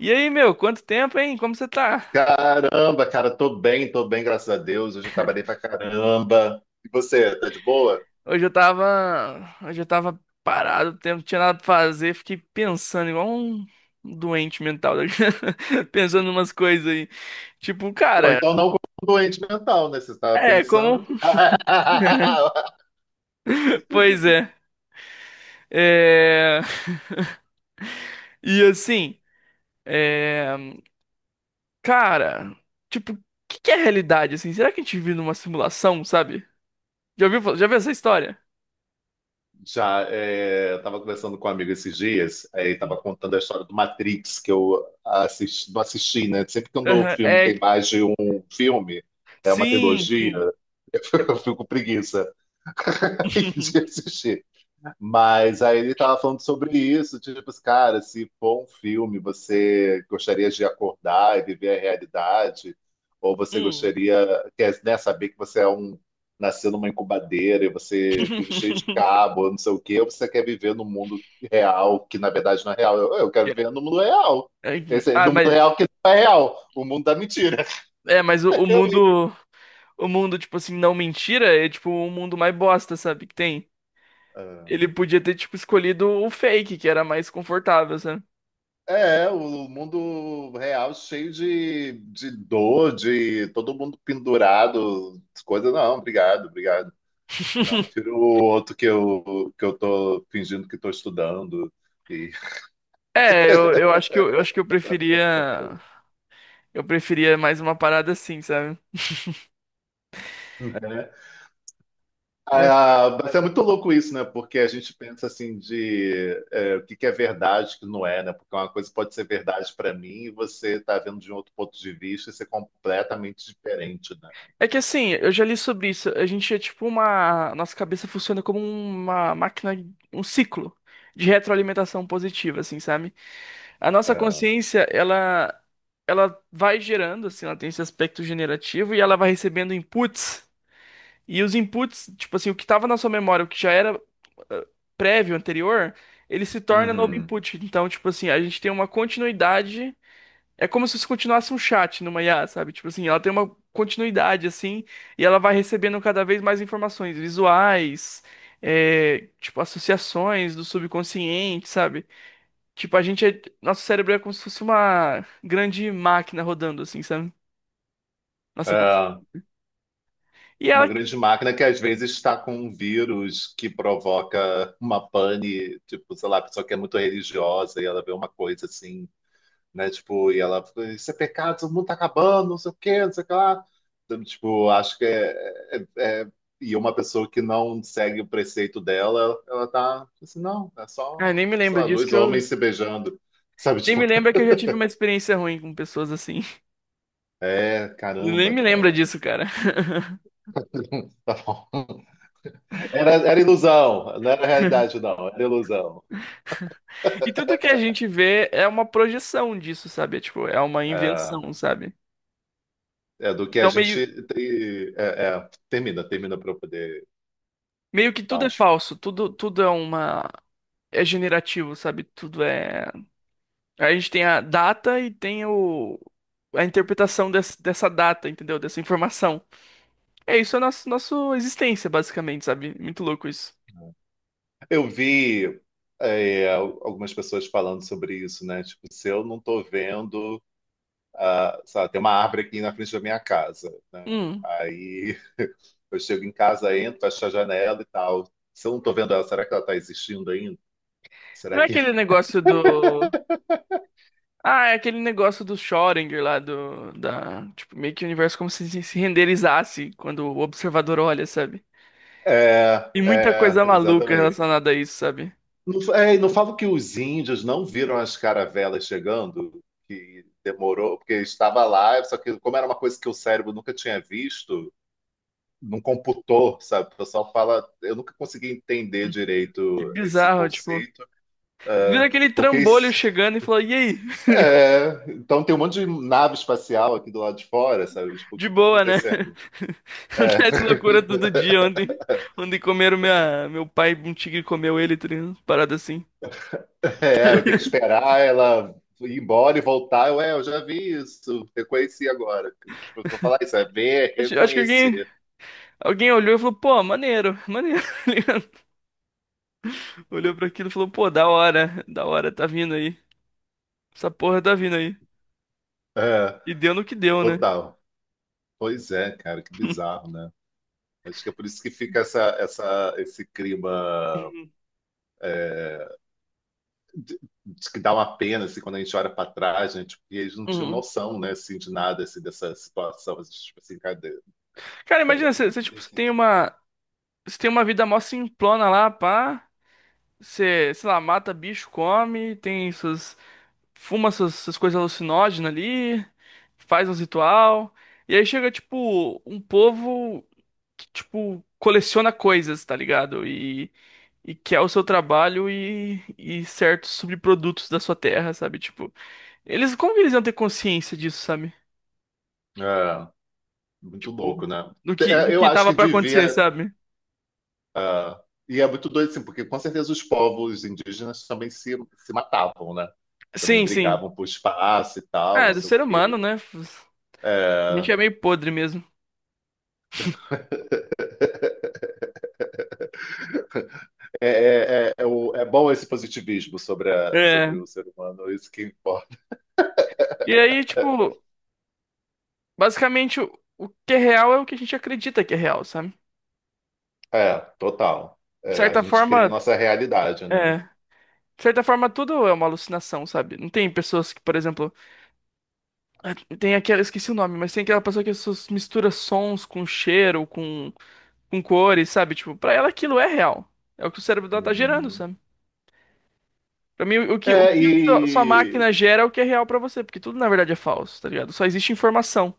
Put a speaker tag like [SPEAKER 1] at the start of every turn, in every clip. [SPEAKER 1] E aí, meu, quanto tempo, hein? Como você tá?
[SPEAKER 2] Caramba, cara, tô bem, graças a Deus. Hoje eu trabalhei pra caramba. E você, tá de boa?
[SPEAKER 1] Hoje eu tava, hoje eu tava parado, o tempo, não tinha nada pra fazer, fiquei pensando igual um doente mental, né? pensando umas coisas aí. Tipo,
[SPEAKER 2] Bom,
[SPEAKER 1] cara,
[SPEAKER 2] então não como doente mental, né? Você estava
[SPEAKER 1] é como,
[SPEAKER 2] pensando.
[SPEAKER 1] pois é. É. E assim, é, cara, tipo, o que é realidade assim? Será que a gente vive numa simulação, sabe? Já ouviu, já viu essa história?
[SPEAKER 2] Já, é, eu tava conversando com um amigo esses dias, aí tava contando a história do Matrix, que eu assisti, não assisti, né? Sempre que um o
[SPEAKER 1] Aham,
[SPEAKER 2] filme
[SPEAKER 1] é,
[SPEAKER 2] tem mais de um filme, é uma
[SPEAKER 1] sim,
[SPEAKER 2] trilogia,
[SPEAKER 1] sim.
[SPEAKER 2] eu fico com preguiça de assistir. Mas aí ele tava falando sobre isso, tipo, assim, cara, se for um filme, você gostaria de acordar e viver a realidade? Ou você
[SPEAKER 1] Hum.
[SPEAKER 2] gostaria, quer, né, saber que você é um, nasceu numa incubadeira e você vive cheio de cabo, não sei o quê, ou você quer viver no mundo real, que na verdade não é real? Eu quero viver no mundo real. Esse,
[SPEAKER 1] Ah,
[SPEAKER 2] no mundo
[SPEAKER 1] mas
[SPEAKER 2] real que não é real, o mundo da mentira.
[SPEAKER 1] é, mas o, o
[SPEAKER 2] Eu,
[SPEAKER 1] mundo, o mundo tipo assim, não mentira, é tipo o mundo mais bosta, sabe, que tem.
[SPEAKER 2] É.
[SPEAKER 1] Ele podia ter tipo escolhido o fake, que era mais confortável, sabe?
[SPEAKER 2] É, o mundo real cheio de dor, de todo mundo pendurado, coisa. Não, obrigado, obrigado. Não, prefiro o outro que eu tô fingindo que estou estudando. E,
[SPEAKER 1] É, eu acho que eu acho que eu preferia mais uma parada assim, sabe?
[SPEAKER 2] né?
[SPEAKER 1] É.
[SPEAKER 2] Ah, ah, mas é muito louco isso, né? Porque a gente pensa assim de é, o que que é verdade, o que não é, né? Porque uma coisa pode ser verdade para mim e você tá vendo de um outro ponto de vista e ser completamente diferente, né?
[SPEAKER 1] É que assim, eu já li sobre isso. A gente é tipo uma. Nossa cabeça funciona como uma máquina, um ciclo de retroalimentação positiva, assim, sabe? A nossa
[SPEAKER 2] É.
[SPEAKER 1] consciência, ela vai gerando, assim, ela tem esse aspecto generativo e ela vai recebendo inputs. E os inputs, tipo assim, o que estava na sua memória, o que já era ah, prévio, anterior, ele se torna novo
[SPEAKER 2] Uhum.
[SPEAKER 1] input. Então, tipo assim, a gente tem uma continuidade. É como se isso continuasse um chat numa IA, sabe? Tipo assim, ela tem uma continuidade, assim, e ela vai recebendo cada vez mais informações visuais, é, tipo, associações do subconsciente, sabe? Tipo, a gente é, nosso cérebro é como se fosse uma grande máquina rodando, assim, sabe? Nossa,
[SPEAKER 2] É.
[SPEAKER 1] e
[SPEAKER 2] Uma
[SPEAKER 1] ela,
[SPEAKER 2] grande máquina que às vezes está com um vírus que provoca uma pane, tipo, sei lá, a pessoa que é muito religiosa e ela vê uma coisa assim, né? Tipo, e ela, isso é pecado, o mundo tá acabando, não sei o quê, não sei o que lá. Então, tipo, acho que é, é- é- e uma pessoa que não segue o preceito dela, ela tá assim, não, é
[SPEAKER 1] ah,
[SPEAKER 2] só,
[SPEAKER 1] nem me
[SPEAKER 2] sei
[SPEAKER 1] lembra
[SPEAKER 2] lá,
[SPEAKER 1] disso
[SPEAKER 2] dois
[SPEAKER 1] que eu,
[SPEAKER 2] homens se beijando. Sabe,
[SPEAKER 1] nem
[SPEAKER 2] tipo,
[SPEAKER 1] me lembra que eu já tive uma experiência ruim com pessoas assim.
[SPEAKER 2] é,
[SPEAKER 1] Nem
[SPEAKER 2] caramba,
[SPEAKER 1] me lembra
[SPEAKER 2] cara.
[SPEAKER 1] disso, cara.
[SPEAKER 2] Tá bom. Era, era ilusão, não era realidade, não, era ilusão.
[SPEAKER 1] E tudo que a gente vê é uma projeção disso, sabe? É, tipo, é uma
[SPEAKER 2] É.
[SPEAKER 1] invenção, sabe?
[SPEAKER 2] É, do que a
[SPEAKER 1] Então, meio
[SPEAKER 2] gente tem. É, é, termina, termina para eu poder
[SPEAKER 1] Meio que
[SPEAKER 2] dar
[SPEAKER 1] tudo é
[SPEAKER 2] uns.
[SPEAKER 1] falso, tudo, tudo é uma. É generativo, sabe? Tudo é. A gente tem a data e tem o... a interpretação dessa data, entendeu? Dessa informação. É isso, é nosso, nossa existência, basicamente, sabe? Muito louco isso.
[SPEAKER 2] Eu vi é, algumas pessoas falando sobre isso, né? Tipo, se eu não estou vendo, ah, sabe, tem uma árvore aqui na frente da minha casa, né?
[SPEAKER 1] Hum.
[SPEAKER 2] Aí eu chego em casa, entro, fecho a janela e tal. Se eu não estou vendo ela, será que ela está existindo ainda?
[SPEAKER 1] Não
[SPEAKER 2] Será
[SPEAKER 1] é
[SPEAKER 2] que.
[SPEAKER 1] aquele negócio do. Ah, é aquele negócio do Schrödinger lá, do. Da... Tipo, meio que o universo como se renderizasse quando o observador olha, sabe?
[SPEAKER 2] É,
[SPEAKER 1] E muita
[SPEAKER 2] é,
[SPEAKER 1] coisa maluca
[SPEAKER 2] exatamente.
[SPEAKER 1] relacionada a isso, sabe?
[SPEAKER 2] Não, é, e não falo que os índios não viram as caravelas chegando, que demorou, porque estava lá, só que como era uma coisa que o cérebro nunca tinha visto, não computou, sabe? O pessoal fala, eu nunca consegui entender
[SPEAKER 1] Que
[SPEAKER 2] direito esse
[SPEAKER 1] bizarro, tipo.
[SPEAKER 2] conceito,
[SPEAKER 1] Viu
[SPEAKER 2] é,
[SPEAKER 1] aquele
[SPEAKER 2] porque isso,
[SPEAKER 1] trambolho chegando e falou: E aí?
[SPEAKER 2] é, então tem um monte de nave espacial aqui do lado de fora, sabe? Tipo, o que
[SPEAKER 1] De
[SPEAKER 2] tá
[SPEAKER 1] boa, né?
[SPEAKER 2] acontecendo? É.
[SPEAKER 1] Acontece loucura todo dia. Ontem comeram minha, meu pai, um tigre comeu ele, tá parada assim.
[SPEAKER 2] É, eu tenho que esperar ela ir embora e voltar. Eu, é, eu já vi isso, reconheci agora. Tipo, pra falar isso, é ver, é
[SPEAKER 1] Acho, acho que alguém,
[SPEAKER 2] reconhecer.
[SPEAKER 1] alguém olhou e falou: Pô, maneiro, maneiro, tá ligado? Olhou pra aquilo e falou: Pô, da hora, tá vindo aí. Essa porra tá vindo aí.
[SPEAKER 2] É,
[SPEAKER 1] E deu no que deu, né?
[SPEAKER 2] total. Pois é, cara, que bizarro, né? Acho que é por isso que fica essa, essa, esse clima
[SPEAKER 1] Uhum.
[SPEAKER 2] de, de que dá uma pena, assim, quando a gente olha para trás, gente, porque eles não tinham
[SPEAKER 1] Uhum.
[SPEAKER 2] noção, né, assim, de nada, assim, dessa situação, assim, tipo assim, cara,
[SPEAKER 1] Cara,
[SPEAKER 2] de-
[SPEAKER 1] imagina, você, tipo,
[SPEAKER 2] desse-
[SPEAKER 1] você tem uma vida mó simplona lá, pá. Você, sei lá, mata bicho, come, tem suas, fuma essas, essas coisas alucinógenas ali, faz uns ritual, e aí chega, tipo, um povo que, tipo, coleciona coisas, tá ligado? E quer o seu trabalho e certos subprodutos da sua terra, sabe? Tipo, eles, como que eles iam ter consciência disso, sabe?
[SPEAKER 2] é, muito
[SPEAKER 1] Tipo,
[SPEAKER 2] louco, né?
[SPEAKER 1] do que, do
[SPEAKER 2] É, eu
[SPEAKER 1] que
[SPEAKER 2] acho
[SPEAKER 1] tava
[SPEAKER 2] que
[SPEAKER 1] pra acontecer,
[SPEAKER 2] devia.
[SPEAKER 1] sabe?
[SPEAKER 2] Ah, e é muito doido, assim, porque com certeza os povos indígenas também se matavam, né? Também
[SPEAKER 1] Sim, sim.
[SPEAKER 2] brigavam por espaço e tal,
[SPEAKER 1] Ah,
[SPEAKER 2] não
[SPEAKER 1] é do
[SPEAKER 2] sei o
[SPEAKER 1] ser humano,
[SPEAKER 2] quê.
[SPEAKER 1] né? A
[SPEAKER 2] É,
[SPEAKER 1] gente é meio podre mesmo.
[SPEAKER 2] é, é, é, é é bom esse positivismo sobre, sobre
[SPEAKER 1] É.
[SPEAKER 2] o ser humano, é isso que importa.
[SPEAKER 1] E aí, tipo, basicamente, o que é real é o que a gente acredita que é real, sabe?
[SPEAKER 2] É, total.
[SPEAKER 1] De é,
[SPEAKER 2] É, a
[SPEAKER 1] certa
[SPEAKER 2] gente cria a
[SPEAKER 1] forma,
[SPEAKER 2] nossa realidade, né?
[SPEAKER 1] é. De certa forma, tudo é uma alucinação, sabe? Não tem pessoas que, por exemplo, tem aquela, esqueci o nome, mas tem aquela pessoa que mistura sons com cheiro, com cores, sabe? Tipo, pra ela aquilo é real. É o que o cérebro dela tá gerando,
[SPEAKER 2] Uhum.
[SPEAKER 1] sabe? Pra mim, o
[SPEAKER 2] É,
[SPEAKER 1] que sua
[SPEAKER 2] e
[SPEAKER 1] máquina gera é o que é real pra você, porque tudo na verdade é falso, tá ligado? Só existe informação.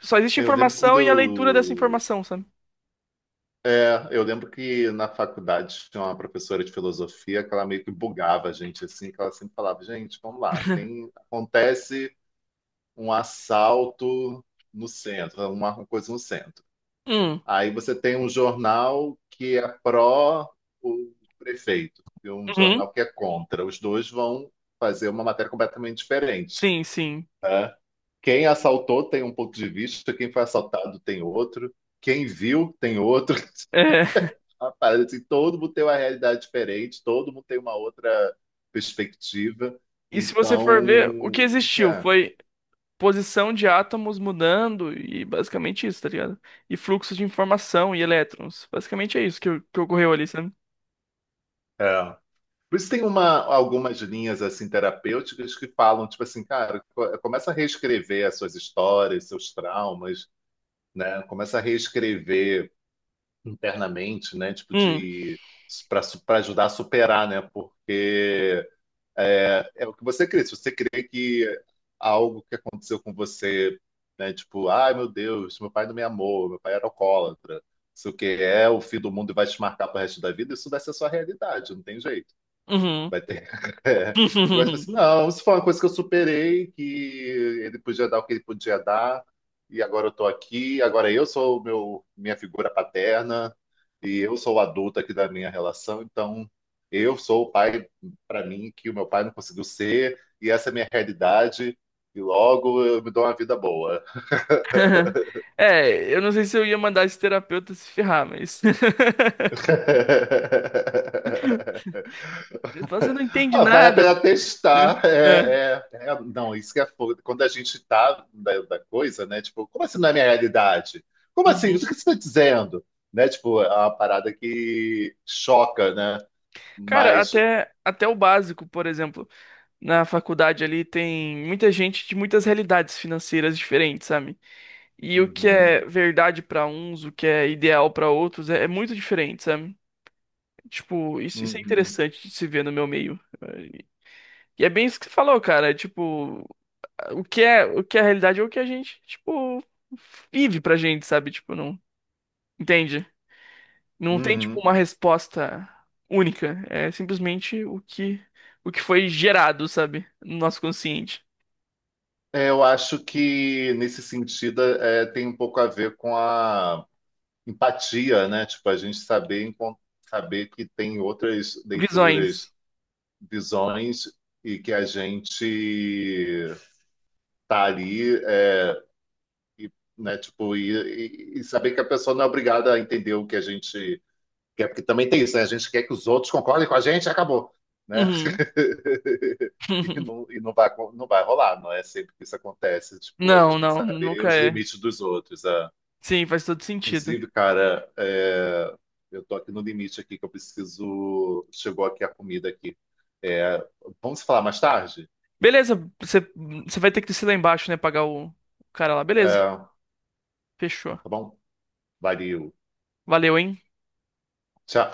[SPEAKER 1] Só existe
[SPEAKER 2] eu lembro
[SPEAKER 1] informação e a leitura dessa
[SPEAKER 2] quando
[SPEAKER 1] informação, sabe?
[SPEAKER 2] É, eu lembro que na faculdade tinha uma professora de filosofia que ela meio que bugava a gente assim, que ela sempre falava, gente, vamos lá, tem acontece um assalto no centro, uma coisa no centro.
[SPEAKER 1] Hum,
[SPEAKER 2] Aí você tem um jornal que é pró o prefeito e um jornal
[SPEAKER 1] uhum,
[SPEAKER 2] que é contra. Os dois vão fazer uma matéria completamente diferente,
[SPEAKER 1] sim, sim.
[SPEAKER 2] né? Quem assaltou tem um ponto de vista, quem foi assaltado tem outro, quem viu tem outro
[SPEAKER 1] É.
[SPEAKER 2] uma parada assim, todo mundo tem uma realidade diferente, todo mundo tem uma outra perspectiva.
[SPEAKER 1] E se você
[SPEAKER 2] Então,
[SPEAKER 1] for ver, o que
[SPEAKER 2] o que que
[SPEAKER 1] existiu
[SPEAKER 2] é?
[SPEAKER 1] foi. Posição de átomos mudando e basicamente isso, tá ligado? E fluxos de informação e elétrons. Basicamente é isso que ocorreu ali, sabe?
[SPEAKER 2] É. Por isso tem uma, algumas linhas assim terapêuticas que falam, tipo assim, cara, começa a reescrever as suas histórias, seus traumas, né? Começa a reescrever internamente, né? Tipo
[SPEAKER 1] Hum,
[SPEAKER 2] de para ajudar a superar, né? Porque é, é o que você crê. Se você crê que algo que aconteceu com você, né, tipo, ai meu Deus, meu pai não me amou, meu pai era alcoólatra, isso que é o fim do mundo e vai te marcar pro resto da vida, isso deve ser a sua realidade, não tem jeito.
[SPEAKER 1] uhum.
[SPEAKER 2] Vai ter. É. Agora, tipo assim, não, isso foi uma coisa que eu superei, que ele podia dar o que ele podia dar, e agora eu tô aqui, agora eu sou o meu, minha figura paterna, e eu sou o adulto aqui da minha relação, então eu sou o pai para mim que o meu pai não conseguiu ser, e essa é a minha realidade, e logo eu me dou uma vida boa.
[SPEAKER 1] É, eu não sei se eu ia mandar esse terapeuta se ferrar, mas. Ele fala, você não entende
[SPEAKER 2] Ah, vale a
[SPEAKER 1] nada,
[SPEAKER 2] pena testar.
[SPEAKER 1] né? É.
[SPEAKER 2] É, é, é, não, isso que é foda. Quando a gente tá da, da coisa, né? Tipo, como assim não é minha realidade? Como assim? O que
[SPEAKER 1] Uhum.
[SPEAKER 2] você está dizendo? Né? Tipo, é uma parada que choca, né?
[SPEAKER 1] Cara,
[SPEAKER 2] Mas.
[SPEAKER 1] até o básico, por exemplo, na faculdade ali tem muita gente de muitas realidades financeiras diferentes, sabe? E o que
[SPEAKER 2] Uhum,
[SPEAKER 1] é verdade pra uns, o que é ideal pra outros, é, é muito diferente, sabe? Tipo, isso é
[SPEAKER 2] uhum,
[SPEAKER 1] interessante de se ver no meu meio. E é bem isso que você falou, cara. É tipo, o que é a realidade é o que a gente, tipo, vive pra gente, sabe? Tipo, não. Entende? Não tem, tipo,
[SPEAKER 2] uhum.
[SPEAKER 1] uma resposta única. É simplesmente o que foi gerado, sabe? No nosso consciente.
[SPEAKER 2] É, eu acho que nesse sentido é, tem um pouco a ver com a empatia, né? Tipo, a gente saber, saber que tem outras
[SPEAKER 1] Visões.
[SPEAKER 2] leituras visões e que a gente tá ali, é, e, né? Tipo, e, e saber que a pessoa não é obrigada a entender o que a gente quer, porque também tem isso, né? A gente quer que os outros concordem com a gente, acabou, né?
[SPEAKER 1] Uhum.
[SPEAKER 2] E não vai, não vai rolar, não é sempre que isso acontece. Tipo, a gente
[SPEAKER 1] Não,
[SPEAKER 2] tem que
[SPEAKER 1] não,
[SPEAKER 2] saber
[SPEAKER 1] nunca
[SPEAKER 2] os
[SPEAKER 1] é.
[SPEAKER 2] limites dos outros. Ah.
[SPEAKER 1] Sim, faz todo sentido.
[SPEAKER 2] Inclusive, cara, é, eu tô aqui no limite aqui que eu preciso. Chegou aqui a comida aqui. É, vamos falar mais tarde?
[SPEAKER 1] Beleza, você você vai ter que descer lá embaixo, né? Pagar o cara lá. Beleza,
[SPEAKER 2] É,
[SPEAKER 1] fechou.
[SPEAKER 2] tá bom? Valeu.
[SPEAKER 1] Valeu, hein?
[SPEAKER 2] Tchau.